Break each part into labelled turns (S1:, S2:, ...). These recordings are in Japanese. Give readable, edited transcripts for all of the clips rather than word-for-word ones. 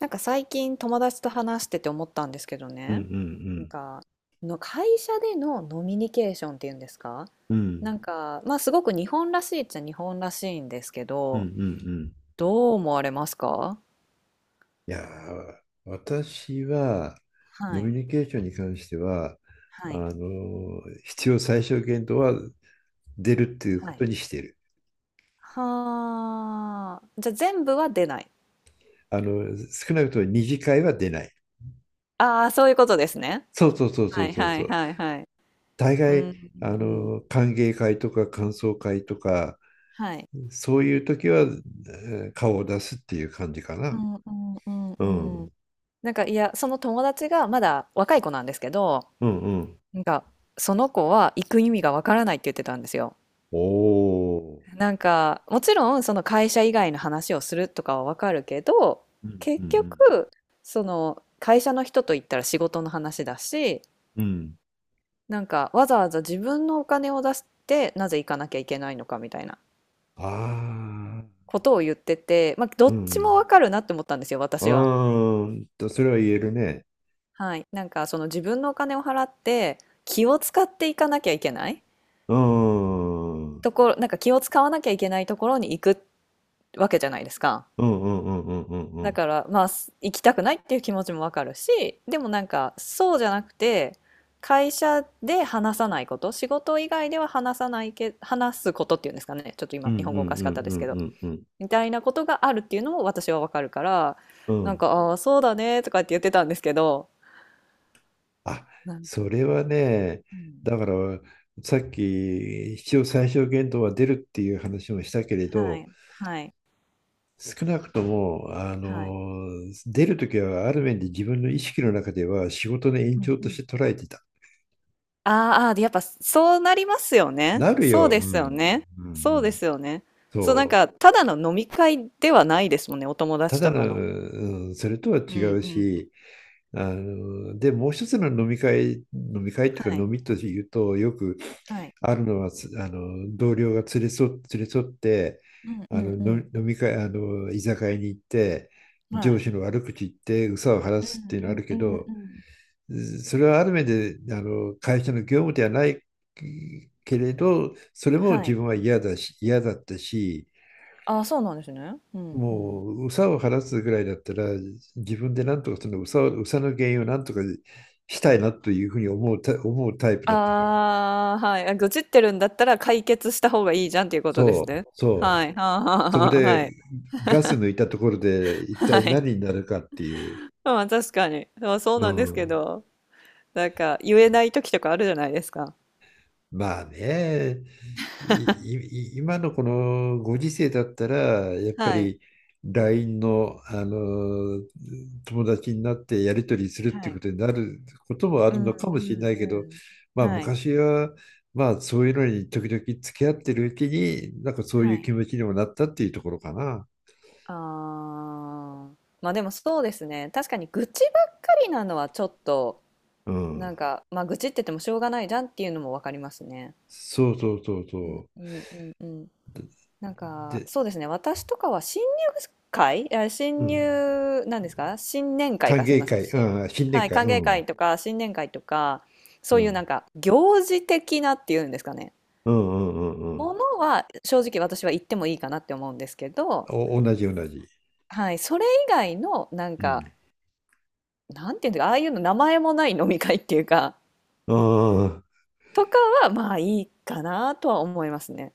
S1: 最近友達と話してて思ったんですけど
S2: うんう
S1: ね、なん
S2: ん
S1: かの会社でのノミニケーションっていうんですか、
S2: うんうん
S1: なんか、まあすごく日本らしいっちゃ日本らしいんですけ
S2: うんうん
S1: ど、
S2: うん。
S1: どう思われますか？
S2: いやー、私は
S1: は
S2: ノミ
S1: い、
S2: ニケーションに関しては、
S1: はい、
S2: 必要最小限度は出るっていう
S1: は
S2: こ
S1: い。
S2: とにしてる。
S1: はあ、じゃあ全部は出ない。
S2: 少なくとも二次会は出ない。
S1: ああ、そういうことですね。
S2: そうそうそうそ
S1: は
S2: う
S1: い
S2: そう
S1: は
S2: そ
S1: い
S2: う。
S1: はいはい。
S2: 大
S1: う
S2: 概
S1: ん、うん、
S2: 歓迎会とか感想会とか
S1: はい。
S2: そういう時は、顔を出すっていう感じか
S1: う
S2: な。
S1: んうん
S2: う
S1: うんうん。
S2: ん
S1: なんかいや、その友達がまだ若い子なんですけど、
S2: うんうん。
S1: なんか、その子は行く意味がわからないって言ってたんですよ。
S2: おお。
S1: なんか、もちろんその会社以外の話をするとかはわかるけど、
S2: うんうんう
S1: 結
S2: ん。
S1: 局、その会社の人と言ったら仕事の話だし、
S2: うん、
S1: なんかわざわざ自分のお金を出してなぜ行かなきゃいけないのかみたいな
S2: ああ、
S1: ことを言ってて、まあ、ど
S2: う
S1: っち
S2: ん。
S1: もわかるなって思ったんですよ、私は。
S2: それは言えるね。
S1: はい。なんかその自分のお金を払って気を使っていかなきゃいけない
S2: うーん。うん
S1: ところ、なんか気を使わなきゃいけないところに行くわけじゃないですか。
S2: うんうんうんうんう
S1: だ
S2: ん。
S1: から、まあ、す行きたくないっていう気持ちもわかるし、でもなんか、そうじゃなくて、会社で話さないこと、仕事以外では話さないけ、話すことっていうんですかね。ちょっと
S2: う
S1: 今、
S2: んうん
S1: 日本
S2: う
S1: 語お
S2: ん
S1: かし
S2: う
S1: かっ
S2: ん
S1: たで
S2: う
S1: すけ
S2: ん
S1: ど、
S2: うんうん。
S1: みたいなことがあるっていうのも私はわかるから、
S2: うんうんうんうんう
S1: な
S2: ん
S1: ん
S2: う
S1: か、
S2: ん。
S1: ああ、そうだね、とかって言ってたんですけど、
S2: あ、
S1: なんか、
S2: それはね、
S1: うん、
S2: だから、さっき、必要最小限度は出るっていう話もしたけれ
S1: は
S2: ど、
S1: い、はい、
S2: 少なくとも、
S1: はい。
S2: 出るときはある面で自分の意識の中では仕事の延
S1: うん
S2: 長
S1: う
S2: とし
S1: ん、
S2: て捉えてた。
S1: あーあー、あで、やっぱそうなりますよね。
S2: なる
S1: そう
S2: よ。う
S1: で
S2: ん。
S1: すよね。
S2: うん
S1: そ
S2: う
S1: うで
S2: ん。
S1: すよね。そう、なん
S2: そう。
S1: か、ただの飲み会ではないですもんね、お友
S2: た
S1: 達
S2: だ
S1: と
S2: の、
S1: かの。
S2: うん、それとは
S1: うん
S2: 違
S1: うんう
S2: う
S1: ん。
S2: し、で、もう一つの飲み会、飲み会っていう
S1: は
S2: か
S1: い、
S2: 飲みというと、よく
S1: はい。
S2: あるのは、つあの、同僚が連れ添って、
S1: うんうんう
S2: の
S1: ん。
S2: 飲み会、居酒屋に行って、
S1: は
S2: 上
S1: い。
S2: 司の悪口言って、憂さを晴ら
S1: う
S2: すっていうのある
S1: ん
S2: け
S1: うんうん
S2: ど、
S1: うん。
S2: それはある面で、会社の業務ではないけれど、それも
S1: は
S2: 自
S1: い。
S2: 分は嫌だし、嫌だったし、
S1: ああ、そうなんですね。うんう
S2: も
S1: ん。
S2: う、ウさを晴らすぐらいだったら、自分でなんとかそのウさを、憂さの原因をなんとかしたいなというふうに思うタイプだったから。
S1: ああ、はい。あ、愚痴ってるんだったら解決した方がいいじゃんっていうことです
S2: そう、
S1: ね。
S2: そ
S1: は
S2: う。
S1: い。はあはあ
S2: そこ
S1: はあ、は
S2: で
S1: い。
S2: ガス抜いたところで 一
S1: は
S2: 体
S1: い。
S2: 何になるかっていう。
S1: まあ、確かに。まあ、そう
S2: う
S1: なんですけ
S2: ん。
S1: ど、なんか言えない時とかあるじゃないですか。
S2: まあね、い、今のこのご時世だったら、やっぱ
S1: はい。
S2: り LINE の、あの友達になってやり取りするっ
S1: は
S2: て
S1: い。
S2: ことになることもあ
S1: う
S2: る
S1: ん
S2: のかもしれ
S1: うん
S2: ないけど、
S1: う
S2: ま
S1: ん。
S2: あ
S1: はい、
S2: 昔は、まあそういうのに時々付き合ってるうちに、なんかそうい
S1: は
S2: う
S1: い。
S2: 気持ちにもなったっていうところかな。
S1: ああ、ま、でもそうですね。確かに愚痴ばっかりなのはちょっと、
S2: う
S1: なん
S2: ん。
S1: か、ま、愚痴って言ってもしょうがないじゃんっていうのも分かりますね。
S2: そうそうそう
S1: うん
S2: そ
S1: うんうんうん。
S2: う。で、
S1: なんか、
S2: で
S1: そうですね、私とかは新入会、あ、
S2: う
S1: 新
S2: ん。
S1: 入なんですか、新年会
S2: 歓
S1: か、すみ
S2: 迎
S1: ません。
S2: 会、
S1: 新
S2: うん、新年
S1: はい、
S2: 会、
S1: 歓
S2: う
S1: 迎
S2: ん。う
S1: 会とか新年会とか、そういう
S2: ん。
S1: なんか行事的なっていうんですかね、
S2: うんうんうんうん。
S1: ものは正直私は行ってもいいかなって思うんですけど、
S2: お、同じ同じ。
S1: はい、それ以外のなん
S2: う
S1: か、
S2: ん。
S1: なんていうんだか、ああいうの名前もない飲み会っていうか、
S2: ああ、
S1: とかはまあいいかなとは思いますね。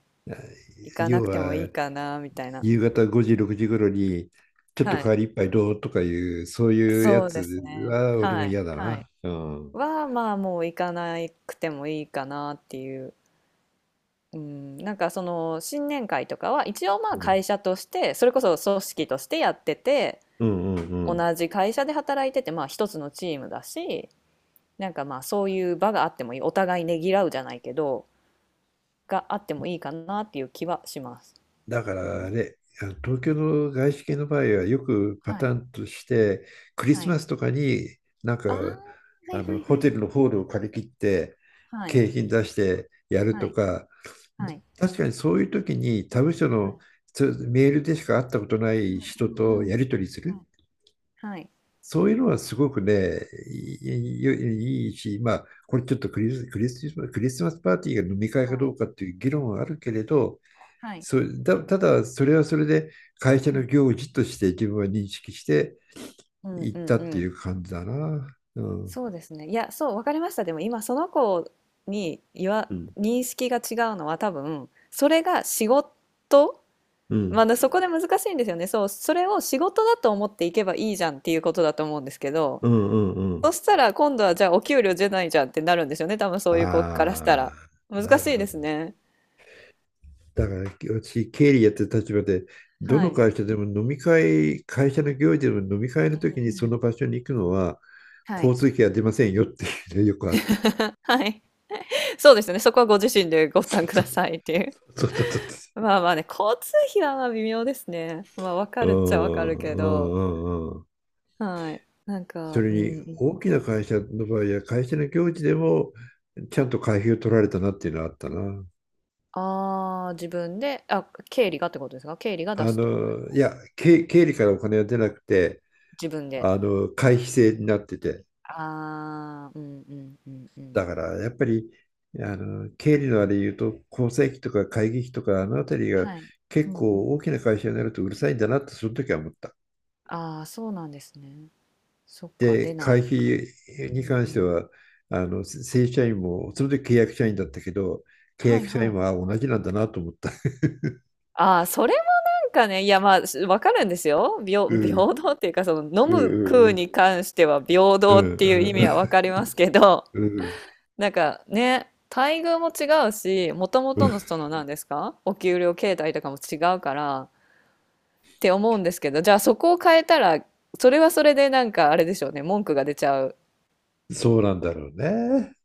S1: 行かな
S2: 要
S1: くてもい
S2: は
S1: いかなみたいな。
S2: 夕方5時、6時頃にちょっと
S1: は
S2: 代
S1: い。
S2: わり一杯どうとかいう、そういうや
S1: そう
S2: つ
S1: ですね。
S2: は俺も
S1: はい、
S2: 嫌だ
S1: はい。
S2: な。うん。
S1: は、まあもう行かなくてもいいかなっていう。うん、なんかその新年会とかは一応まあ
S2: うん、
S1: 会社としてそれこそ組織としてやってて、
S2: うん、うん。う
S1: 同
S2: ん。
S1: じ会社で働いててまあ一つのチームだし、なんかまあそういう場があってもいい、お互いねぎらうじゃないけど、があってもいいかなっていう気はします。
S2: だか
S1: う
S2: ら
S1: ん。
S2: ね、あの東京の外資系の場合はよくパ
S1: は
S2: タ
S1: い、
S2: ーンとして、クリ
S1: は
S2: ス
S1: い。
S2: マスとかに、なんか
S1: ああ、は
S2: あ
S1: いは
S2: の
S1: い
S2: ホ
S1: は
S2: テ
S1: い。
S2: ルのホールを借り切って
S1: はい
S2: 景品出してやる
S1: は
S2: と
S1: い
S2: か、
S1: はい
S2: 確かにそういう時に他部署
S1: は
S2: の
S1: い。
S2: メールでしか会ったことな
S1: う
S2: い
S1: ん
S2: 人
S1: うん
S2: と
S1: うん。
S2: やり取りす
S1: は
S2: る、
S1: いはい
S2: そういうのはすごくね、いいし、まあ、これちょっとクリス、クリスマス、クリスマスパーティーが飲み会
S1: は
S2: かど
S1: い
S2: うかっていう議論はあるけれど、
S1: はい。
S2: ただそれはそれで会社
S1: う
S2: の
S1: ん。
S2: 行事として自分は認識して
S1: うん
S2: いっ
S1: うん
S2: た
S1: う
S2: ってい
S1: ん。
S2: う感じだな。うん、
S1: そうですね。いや、そう、わかりました。でも今その子に言わ
S2: うん、
S1: 認識が違うのは多分、それが仕事
S2: うん、
S1: まだそこで難しいんですよね。そう、それを仕事だと思っていけばいいじゃんっていうことだと思うんですけど、
S2: うん、うん。う
S1: そ
S2: ん、
S1: したら今度はじゃあお給料出ないじゃんってなるんですよね、多分そういう子からしたら。
S2: ああ、な
S1: 難し
S2: る
S1: い
S2: ほ
S1: です
S2: どね。
S1: ね。
S2: だから私、経理やってる立場で、ど
S1: は
S2: の
S1: い。
S2: 会社でも飲み会、会社の行事でも飲み会の
S1: うん
S2: 時にそ
S1: うん。
S2: の場所に行くのは、
S1: は
S2: 交
S1: い。
S2: 通費は出ませんよっていうね、よくあった。
S1: はい。そうですよね、そこはご自身でご負
S2: そう
S1: 担く
S2: そ
S1: ださいっていう。
S2: うそうそ
S1: まあまあね、交通費はまあ微妙ですね。まあ、わ
S2: う、
S1: か
S2: う
S1: るっちゃわか
S2: ん
S1: るけ
S2: う
S1: ど、
S2: んうんうん。
S1: はい。なん
S2: そ
S1: か、
S2: れ
S1: う
S2: に
S1: んうんう
S2: 大きな
S1: ん。
S2: 会社の場合は会社の行事でもちゃんと会費を取られたなっていうのはあったな。
S1: ああ、自分で、あ、経理がってことですか？経理が出すってことです
S2: い
S1: か？
S2: や、経理からお金は出なくて、
S1: 自分で。
S2: あの会費制になってて、
S1: ああ、うんうんうんうん。
S2: だからやっぱりあの経理のあれ言うと、構成費とか会議費とか、あのあたりが
S1: はい。
S2: 結
S1: うんう
S2: 構
S1: ん。
S2: 大きな会社になるとうるさいんだなってその時は思った。
S1: ああ、そうなんですね。そっか、出
S2: で、
S1: な
S2: 会
S1: いから。
S2: 費
S1: う
S2: に
S1: ん
S2: 関
S1: う
S2: して
S1: ん。
S2: はあの正社員もその時契約社員だったけど、契
S1: はい
S2: 約社
S1: は
S2: 員
S1: い。
S2: は同じなんだなと思った。
S1: ああ、それなんかね、いや、まあ、す分かるんですよ。平
S2: う ん
S1: 平等っていうか、その、飲
S2: う
S1: む食
S2: ん
S1: う
S2: うん
S1: に関しては平
S2: う
S1: 等
S2: んう
S1: っていう
S2: ん
S1: 意
S2: う
S1: 味
S2: ん
S1: は分かりますけど、
S2: うん。
S1: なんかね、待遇も違うし、もともとのその何ですか、お給料形態とかも違うからって思うんですけど、じゃあそこを変えたら、それはそれでなんかあれでしょうね、文句が出ちゃう
S2: そうなんだろうね。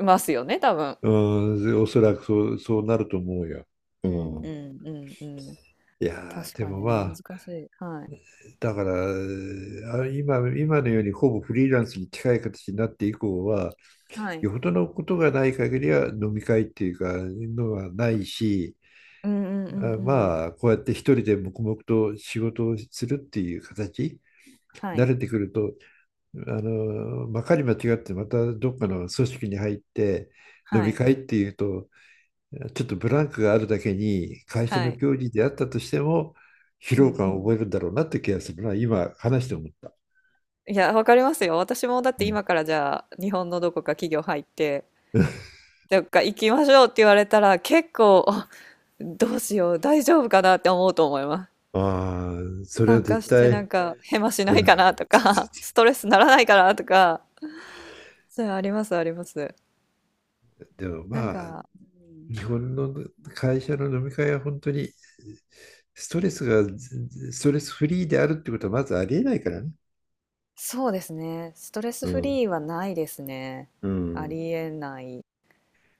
S1: ますよね、多分。
S2: うん、おそらくそうなると思うよ。う
S1: うんう
S2: ん、
S1: んうんうん。
S2: いやー
S1: 確
S2: で
S1: か
S2: も
S1: にね、難
S2: まあ
S1: しい。はい。
S2: だから、今のようにほぼフリーランスに近い形になって以降は、
S1: はい。
S2: よほどのことがない限りは飲み会っていうか、のはないし、
S1: うんうんう
S2: あ、
S1: んうん。
S2: まあ、こうやって一人で黙々と仕事をするっていう形、
S1: は
S2: 慣
S1: い、
S2: れてくると、まかり間違ってまたどっかの組織に入って、飲
S1: は
S2: み
S1: い、
S2: 会っていうと、ちょっとブランクがあるだけに、会社
S1: は
S2: の
S1: い。
S2: 行事であったとしても、疲
S1: う
S2: 労
S1: んう
S2: 感を覚
S1: ん。
S2: えるんだろうなって気がするな、今話して思った。
S1: いや、わかりますよ。私もだっ
S2: う
S1: て
S2: ん、
S1: 今からじゃあ、日本のどこか企業入って、どっか行きましょうって言われたら、結構、あ、どうしよう、大丈夫かなって思うと思います。
S2: ああ、それは
S1: 参加
S2: 絶
S1: してなん
S2: 対、
S1: か、ねヘマしない
S2: うん。
S1: かなとか、ストレスならないかなとか、そういうのあります、あります。
S2: でも
S1: なん
S2: まあ、
S1: か、うん、
S2: 日本の会社の飲み会は本当にストレスフリーであるってことはまずありえないからね。
S1: そうですね。ストレス
S2: う
S1: フ
S2: ん。
S1: リーはないですね。
S2: う
S1: あ
S2: ん。
S1: りえない。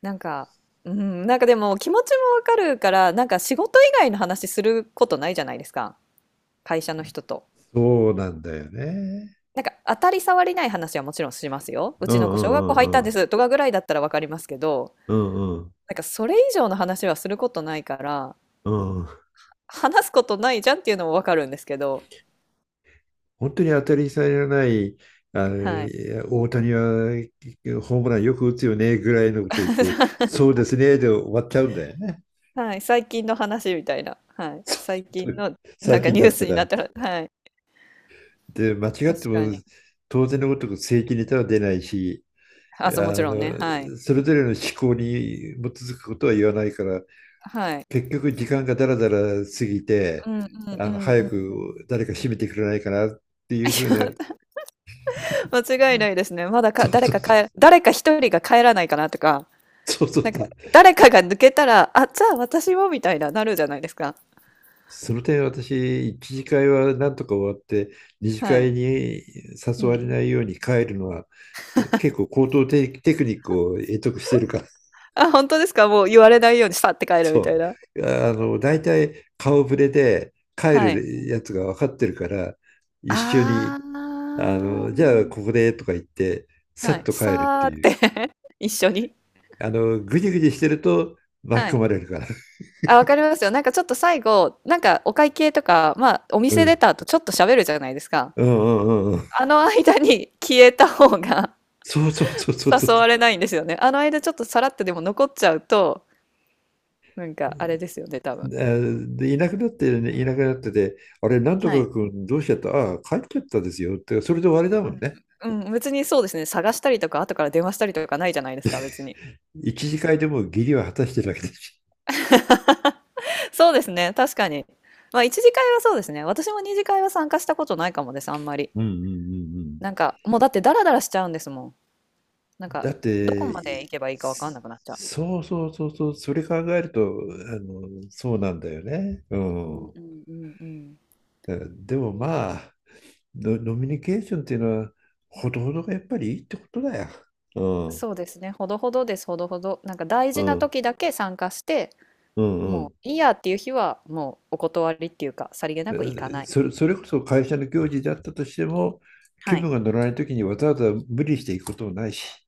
S1: なんか、うん、なんかでも気持ちもわかるから、なんか仕事以外の話することないじゃないですか。会社の人と。
S2: そうなんだよね。
S1: なんか当たり障りない話はもちろんしますよ。う
S2: うん
S1: ち
S2: う
S1: の子小学校
S2: んう
S1: 入っ
S2: ん
S1: た
S2: う
S1: んで
S2: ん
S1: すとかぐらいだったらわかりますけど、
S2: うん
S1: なんかそれ以上の話はすることないから、
S2: うんうん。
S1: 話すことないじゃんっていうのもわかるんですけど、
S2: 本当に当たり障りのない、
S1: はい。
S2: いや、大谷はホームランよく打つよねぐらいのこと言って、そうですねで終わっちゃうんだよね。
S1: はい、最近の話みたいな。はい。最近のなん
S2: 最
S1: か
S2: 近
S1: ニュ
S2: だ
S1: ー
S2: った
S1: スになっ
S2: ら。
S1: たら、はい。
S2: で、間違っ
S1: 確
S2: て
S1: か
S2: も
S1: に。
S2: 当然のごとく正規ネタは出ないし、あ
S1: あ、そう、もちろん
S2: の、
S1: ね。はい。
S2: それぞれの思考に基づくことは言わないから、
S1: はい。
S2: 結局時間がだらだら過ぎて、
S1: うんうんうんう
S2: 早
S1: んう
S2: く
S1: ん。
S2: 誰か締めてくれないかなっていうふう
S1: い
S2: な。
S1: や、間違いないですね。まだ
S2: そ
S1: か、
S2: う
S1: 誰
S2: そう
S1: か
S2: そう、
S1: 帰、誰か一人が帰らないかなとか、
S2: そうそ
S1: な
S2: う
S1: ん
S2: そ
S1: か、
S2: う。
S1: 誰かが抜けたら、あ、じゃあ私もみたいな、なるじゃないですか。
S2: その点私、一次会はなんとか終わって、二次
S1: はい。
S2: 会に
S1: う
S2: 誘われ
S1: ん。
S2: ないように帰るのは、結構高等テクニックを得得してるから。
S1: あ、本当ですか、もう言われないようにさって帰るみたい
S2: そ
S1: な。
S2: う。大体顔ぶれで帰
S1: はい。
S2: るやつが分かってるから、一緒に、
S1: あ
S2: じゃあ
S1: あ。
S2: ここでとか言って、さ
S1: は
S2: っ
S1: い。
S2: と帰るって
S1: さーっ
S2: いう。
S1: て 一緒に。
S2: ぐじぐじしてると巻き
S1: は
S2: 込
S1: い。
S2: まれるから。
S1: あ、わかりますよ。なんかちょっと最後、なんかお会計とか、まあ、お
S2: う
S1: 店出
S2: ん。
S1: た後ちょっと喋るじゃないですか。
S2: うんうんうんうん。
S1: あの間に消えた方が
S2: そうそうそうそうそう。
S1: 誘われないんですよね。あの間ちょっとさらっとでも残っちゃうと、なんかあれですよね、多分。
S2: で、いなくなってて、あれ、なんと
S1: は
S2: か
S1: い。
S2: 君どうしちゃった、ああ、帰っちゃったですよ、って、それで終わりだもんね。
S1: うん、うん、別にそうですね、探したりとか、後から電話したりとかないじゃないですか、別に。
S2: 一次会でも義理は果たしてるわけだし。
S1: そうですね、確かに。まあ、一次会はそうですね。私も二次会は参加したことないかもです、あんまり。
S2: うんうんうんう
S1: なん
S2: ん。
S1: か、もうだってダラダラしちゃうんですもん。なん
S2: だ
S1: か、
S2: っ
S1: どこ
S2: て、
S1: まで行けばいいかわかんなくなっちゃ
S2: そうそうそうそう、それ考えると、そうなんだよね。う
S1: う。うん
S2: ん。
S1: うんうんうん。
S2: で
S1: う
S2: もま
S1: ん、
S2: あ、ノミニケーションっていうのは、ほどほどがやっぱりいいってことだよ。う
S1: そうですね、ほどほどです、ほどほど。なんか大
S2: ん、
S1: 事
S2: う
S1: な
S2: ん、
S1: 時だけ参加して、
S2: うん、う
S1: もう
S2: ん。
S1: いいやっていう日はもうお断りっていうかさりげなく行かない。
S2: それこそ会社の行事であったとしても、気
S1: はい。
S2: 分が乗らないときにわざわざ無理していくこともないし。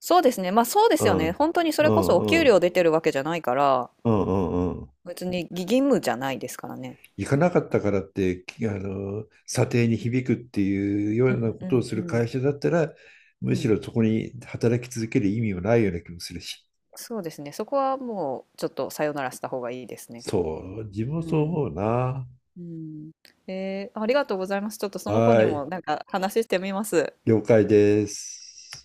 S1: そうですね。まあそうで
S2: う
S1: すよ
S2: ん、
S1: ね。本当にそ
S2: う
S1: れこそお
S2: ん、
S1: 給
S2: うん、
S1: 料出てるわけじゃないから、
S2: うん、うん、うん。
S1: 別に義務じゃないですからね。
S2: 行かなかったからって、きあの、査定に響くっていうよ
S1: う
S2: うな
S1: ん
S2: こ
S1: う
S2: とを
S1: ん
S2: す
S1: う
S2: る会
S1: ん
S2: 社だったら、む
S1: う
S2: し
S1: ん。
S2: ろそこに働き続ける意味もないような気もするし。
S1: そうですね。そこはもうちょっとさよならした方がいいですね。
S2: そう、自分も
S1: う
S2: そう
S1: ん。
S2: 思うな。
S1: うん。えーありがとうございます。ちょっとその子に
S2: は
S1: も
S2: い、
S1: なんか話してみます。
S2: 了解です。